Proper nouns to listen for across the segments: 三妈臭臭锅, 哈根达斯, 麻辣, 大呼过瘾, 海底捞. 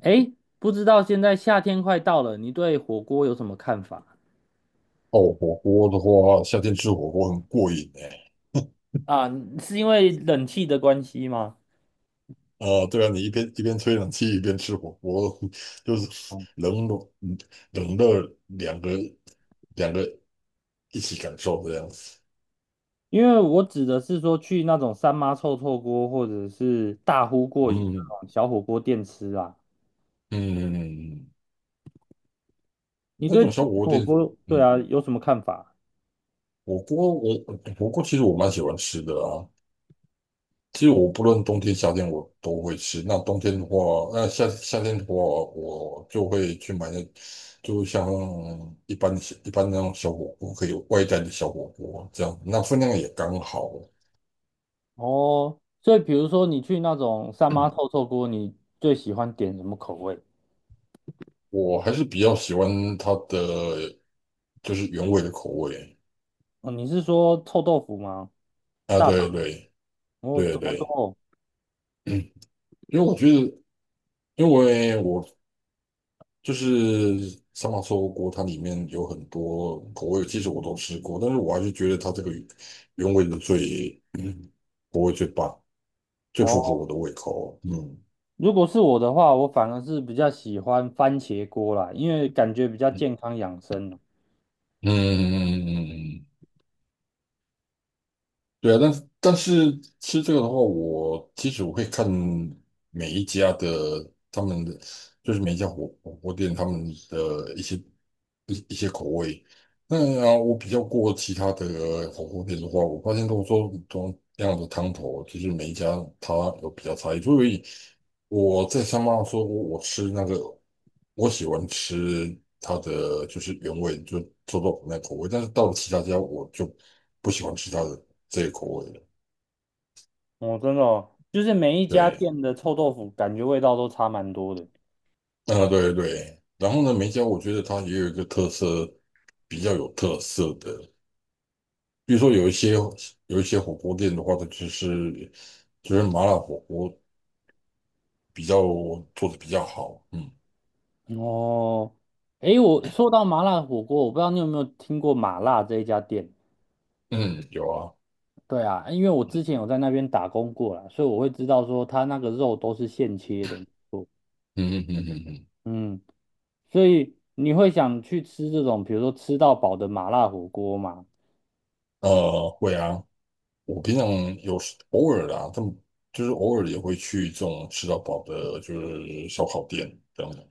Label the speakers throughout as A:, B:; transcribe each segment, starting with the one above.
A: 哎，不知道现在夏天快到了，你对火锅有什么看法
B: 哦，火锅的话，夏天吃火锅很过瘾哎。
A: 啊？是因为冷气的关系吗？
B: 啊，对啊，你一边吹冷气一边吃火锅，就是
A: 哦
B: 冷热两个一起感受这样子。
A: 因为我指的是说去那种三妈臭臭锅或者是大呼过瘾
B: 嗯
A: 那种小火锅店吃啊。
B: 嗯。
A: 你
B: 那
A: 对
B: 种小火锅
A: 火
B: 店，
A: 锅，对
B: 嗯，
A: 啊，有什么看法？
B: 火锅我火锅其实我蛮喜欢吃的啊。其实我不论冬天夏天我都会吃。那冬天的话，那夏天的话，我就会去买那，就像一般那种小火锅，可以外带的小火锅这样，那分量也刚好。
A: 哦，所以比如说你去那种三妈臭臭锅，你最喜欢点什么口味？
B: 我还是比较喜欢它的就是原味的口味
A: 哦，你是说臭豆腐吗？
B: 啊。
A: 大
B: 对
A: 肠？
B: 对
A: 哦，
B: 对
A: 怎么
B: 对。
A: 说？
B: 因为我觉得，因为我就是三麻臭锅，它里面有很多口味，其实我都吃过，但是我还是觉得它这个原味的口味最棒，最符合我的胃口。嗯
A: 如果是我的话，我反而是比较喜欢番茄锅啦，因为感觉比较
B: 嗯
A: 健康养生啊
B: 嗯嗯嗯。嗯，对啊，但是吃这个的话，我其实会看每一家的他们的，就是每一家火锅店他们的一些。那啊，我比较过其他的火锅店的话，我发现都说同样的汤头，就是每一家它有比较差异，所以我在香港说我吃那个，我喜欢吃它的就是原味，就臭豆腐那口味，但是到了其他家我就不喜欢吃它的这个口味了。
A: 哦。哦真的哦就是每一家
B: 对。
A: 店的臭豆腐，感觉味道都差蛮多的。
B: 啊，对对，然后呢，梅一家我觉得它也有一个特色，比较有特色的。比如说有一些火锅店的话，它就是麻辣火锅比较做的比较好。嗯
A: 哦，诶，我说到麻辣火锅，我不知道你有没有听过麻辣这一家店？
B: 嗯。有啊。
A: 对啊，因为我之前有在那边打工过啦，所以我会知道说它那个肉都是现切的。
B: 嗯嗯嗯嗯嗯。
A: 嗯，所以你会想去吃这种，比如说吃到饱的麻辣火锅吗？
B: 会啊。我平常有时偶尔啦，他们就是偶尔也会去这种吃到饱的，就是烧烤店这样的。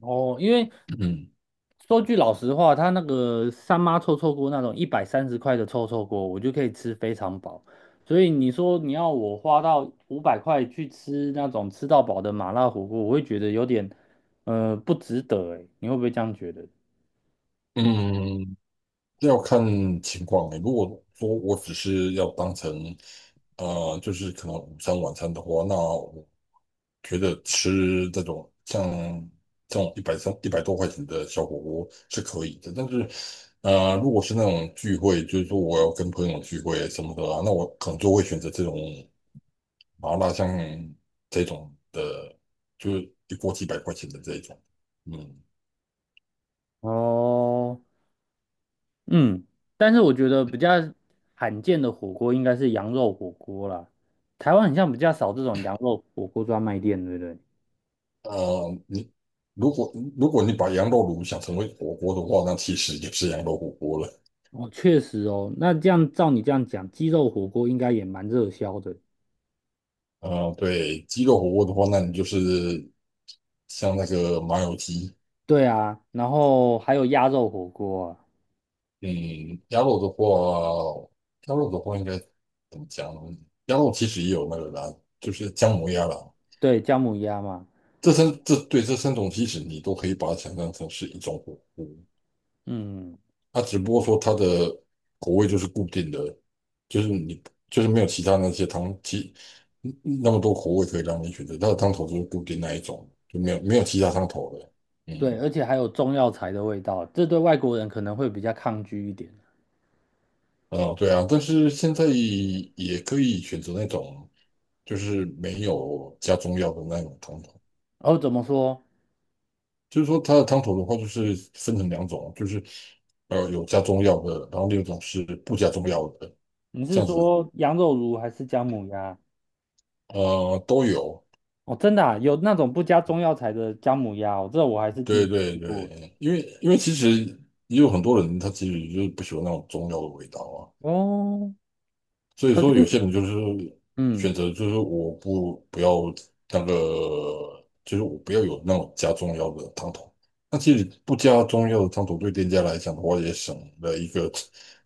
A: 哦，因为
B: 嗯
A: 说句老实话，他那个三妈臭臭锅那种130块的臭臭锅，我就可以吃非常饱。所以你说你要我花到五百块去吃那种吃到饱的麻辣火锅，我会觉得有点不值得诶，你会不会这样觉得？
B: 嗯。这要看情况欸。如果说我只是要当成就是可能午餐晚餐的话，那觉得吃这种像这种一百三一百多块钱的小火锅是可以的，但是如果是那种聚会，就是说我要跟朋友聚会什么的啊，那我可能就会选择这种麻辣香这种的，就是一锅几百块钱的这一种。嗯。
A: 哦，嗯，但是我觉得比较罕见的火锅应该是羊肉火锅啦。台湾很像比较少这种羊肉火锅专卖店，对不对？
B: 你如果如果你把羊肉炉想成为火锅的话，那其实也是羊肉火锅了。
A: 哦，确实哦，那这样照你这样讲，鸡肉火锅应该也蛮热销的。
B: 对，鸡肉火锅的话，那你就是像那个麻油鸡。
A: 对啊，然后还有鸭肉火锅啊，
B: 嗯，鸭肉的话，应该怎么讲呢？鸭肉其实也有那个啦，就是姜母鸭啦。
A: 对，姜母鸭嘛，
B: 这三种其实你都可以把它想象成是一种火锅，
A: 嗯，
B: 它只不过说它的口味就是固定的，就是你就是没有其他那些汤其嗯那么多口味可以让你选择，它的汤头就是固定那一种，就没有其他汤头了。
A: 对，
B: 嗯。
A: 而且还有中药材的味道，这对外国人可能会比较抗拒一点。
B: 啊，对啊，但是现在也可以选择那种就是没有加中药的那种汤头，
A: 哦，怎么说？
B: 就是说它的汤头的话，就是分成两种，就是有加中药的，然后另一种是不加中药的，
A: 你
B: 这
A: 是
B: 样子。
A: 说羊肉炉还是姜母鸭？
B: 都有。
A: 哦，真的啊，有那种不加中药材的姜母鸭哦，这我还是第
B: 对
A: 一次
B: 对
A: 听过。
B: 对。因为其实也有很多人他其实就是不喜欢那种中药的味道啊，
A: 哦，
B: 所以
A: 可是，
B: 说有些人就是选
A: 嗯。
B: 择就是我不要那个，就是我不要有那种加中药的汤头。那其实不加中药的汤头对店家来讲的话，也省了一个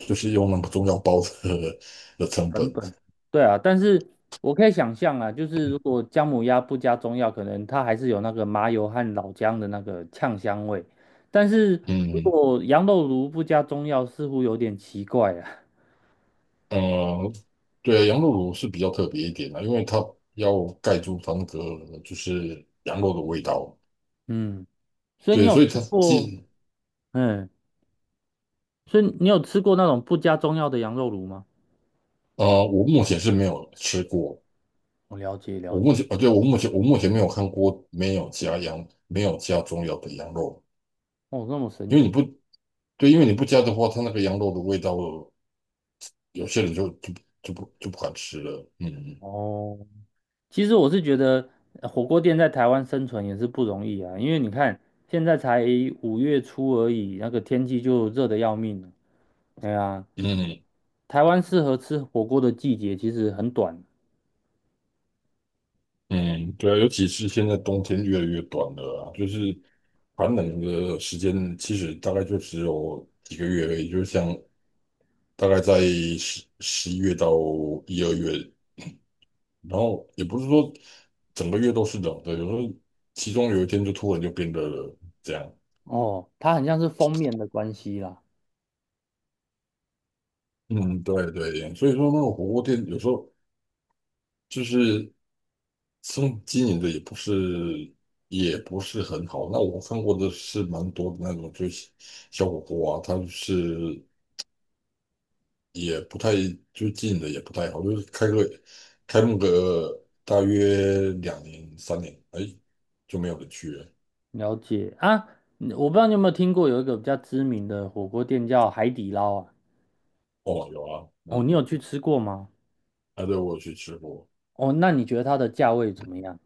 B: 就是用那个中药包的成本。
A: 成本，对啊，但是我可以想象啊，就是如果姜母鸭不加中药，可能它还是有那个麻油和老姜的那个呛香味。但是如
B: 嗯
A: 果羊肉炉不加中药，似乎有点奇怪啊。
B: 呃，对啊，羊肉炉是比较特别一点的，因为它要盖住它那个就是羊肉的味道。
A: 嗯，所以你
B: 对，
A: 有
B: 所以
A: 吃
B: 它
A: 过，
B: 基
A: 嗯，所以你有吃过那种不加中药的羊肉炉吗？
B: 呃，我目前是没有吃过。
A: 我了解
B: 我
A: 了
B: 目
A: 解，
B: 前，啊，对，我目前没有看过没有加中药的羊肉。
A: 哦，那么神
B: 因为你
A: 奇
B: 不对，因为你不加的话，它那个羊肉的味道，有些人就不敢吃了。嗯
A: 哦。其实我是觉得火锅店在台湾生存也是不容易啊，因为你看现在才5月初而已，那个天气就热得要命了。对呀，
B: 嗯
A: 台湾适合吃火锅的季节其实很短
B: 嗯。对啊，尤其是现在冬天越来越短了啊，就是寒冷的时间其实大概就只有几个月而已，就像大概在十十一月到一二月，然后也不是说整个月都是冷的，有时候其中有一天就突然就变热了，这样。
A: 哦，它很像是封面的关系啦。
B: 嗯。对对，所以说那个火锅店有时候就是经营的也不是很好。那我看过的是蛮多的那种，就是小火锅啊，它是也不太就经营的也不太好，就是开幕个大约两年三年，哎就没有人去了。
A: 了解啊，你我不知道你有没有听过有一个比较知名的火锅店叫海底捞啊？
B: 哦，有啊。
A: 哦，
B: 嗯。
A: 你有去吃过吗？
B: 对，我有去吃过。
A: 哦，那你觉得它的价位怎么样？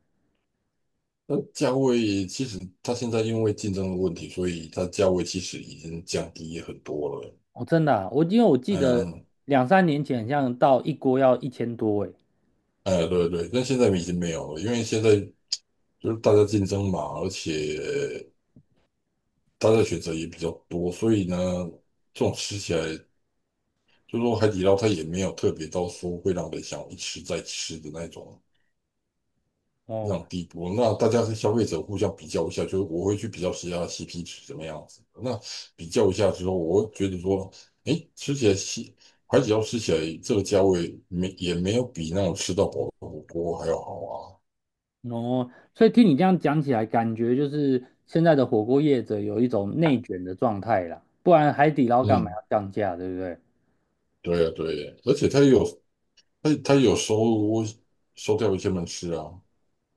B: 那价位其实它现在因为竞争的问题，所以它价位其实已经降低很多了。
A: 哦，真的啊我因为我记得
B: 嗯。
A: 两三年前，好像到一锅要1000多诶。
B: 哎，对对，但现在已经没有了，因为现在就是大家竞争嘛，而且大家选择也比较多，所以呢，这种吃起来，就说海底捞它也没有特别到说会让人想一吃再吃的那种非
A: 哦。
B: 常低步，那大家是消费者互相比较一下，就是我会去比较谁家 CP 值怎么样子。那比较一下之后，我会觉得说，哎，吃起来西海底捞吃起来这个价位没也没有比那种吃到饱的火锅还要好啊。
A: 哦，所以听你这样讲起来，感觉就是现在的火锅业者有一种内卷的状态啦，不然海底捞干嘛
B: 嗯，
A: 要降价，对不对？
B: 对啊，对啊，而且它也有收掉一些门市啊。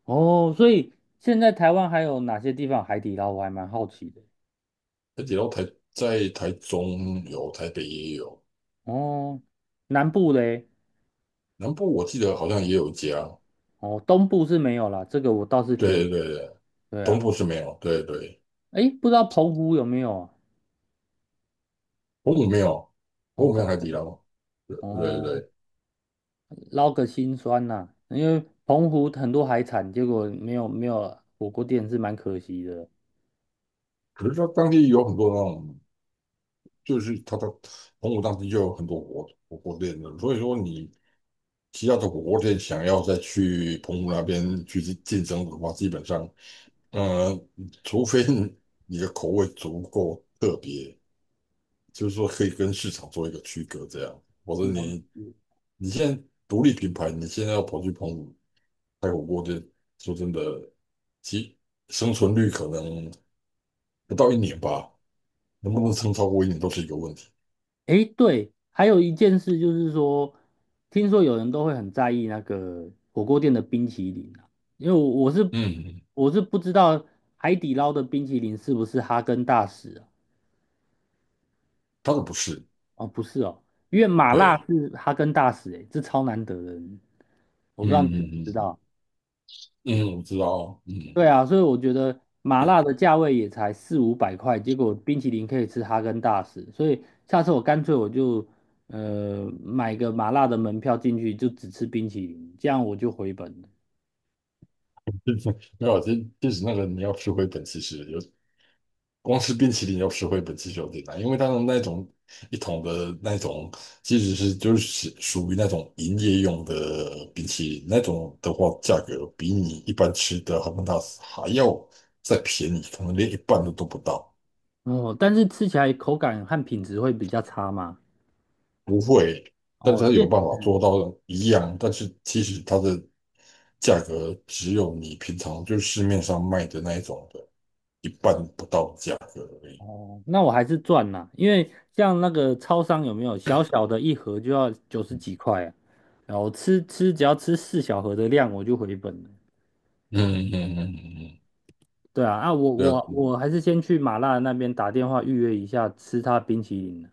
A: 哦，所以现在台湾还有哪些地方有海底捞，我还蛮好奇的。
B: 海底捞在台中有，台北也有，
A: 哦，南部嘞，
B: 南部我记得好像也有一家。
A: 哦，东部是没有啦，这个我倒是挺，
B: 对对对，
A: 对
B: 东
A: 啊，
B: 部是没有。对对。
A: 诶，不知道澎湖有没有啊？
B: 澎湖没有，
A: 哦，
B: 澎湖没
A: 澎
B: 有，海底
A: 湖，
B: 捞。对对
A: 哦，
B: 对，
A: 捞个心酸呐、因为澎湖很多海产，结果没有火锅店是蛮可惜的。
B: 可是它当地有很多那种，就是它的澎湖当地就有很多火锅店的，所以说你其他的火锅店想要再去澎湖那边去竞争的话，基本上，呃，除非你的口味足够特别，就是说可以跟市场做一个区隔，这样，否则
A: 了
B: 你
A: 解。
B: 你现在独立品牌，你现在要跑去澎湖开火锅店，说真的，其生存率可能。不到一年吧，能不
A: 哦，
B: 能撑超过一年都是一个问题。
A: 诶，对，还有一件事就是说，听说有人都会很在意那个火锅店的冰淇淋啊，因为我我是
B: 嗯，嗯，
A: 我是不知道海底捞的冰淇淋是不是哈根达斯啊？
B: 他的不是。
A: 哦，不是哦，因为麻辣
B: 对。
A: 是哈根达斯，诶，这超难得的，我
B: 嗯
A: 不知道你知
B: 嗯
A: 不知
B: 嗯
A: 道。
B: 嗯，我知道。嗯。
A: 对啊，所以我觉得麻辣的价位也才四五百块，结果冰淇淋可以吃哈根达斯，所以下次我干脆我就买个麻辣的门票进去，就只吃冰淇淋，这样我就回本了。
B: 没有，其实那个你要吃回本，其实光吃冰淇淋要吃回本其实有点难，因为它的那种一桶的那种，其实是就是属于那种营业用的冰淇淋，那种的话价格比你一般吃的哈根达斯还要再便宜，可能连一半都不到。
A: 哦，但是吃起来口感和品质会比较差嘛。
B: 不会，但
A: 哦，
B: 是它
A: 这
B: 有办法
A: 嗯
B: 做到一样，但是其实它的价格只有你平常就市面上卖的那一种的一半不到的价格而已。
A: 哦，那我还是赚啦，因为像那个超商有没有小小的一盒就要90几块啊，然后只要吃四小盒的量我就回本了。
B: 嗯嗯嗯嗯嗯。
A: 对啊，啊，我
B: 对啊。
A: 我我还是先去麻辣那边打电话预约一下吃他冰淇淋。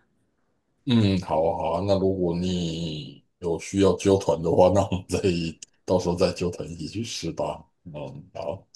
B: 嗯。嗯好啊好啊，那如果你有需要揪团的话，那我们再到时候再揪团一起去吃吧。嗯。好。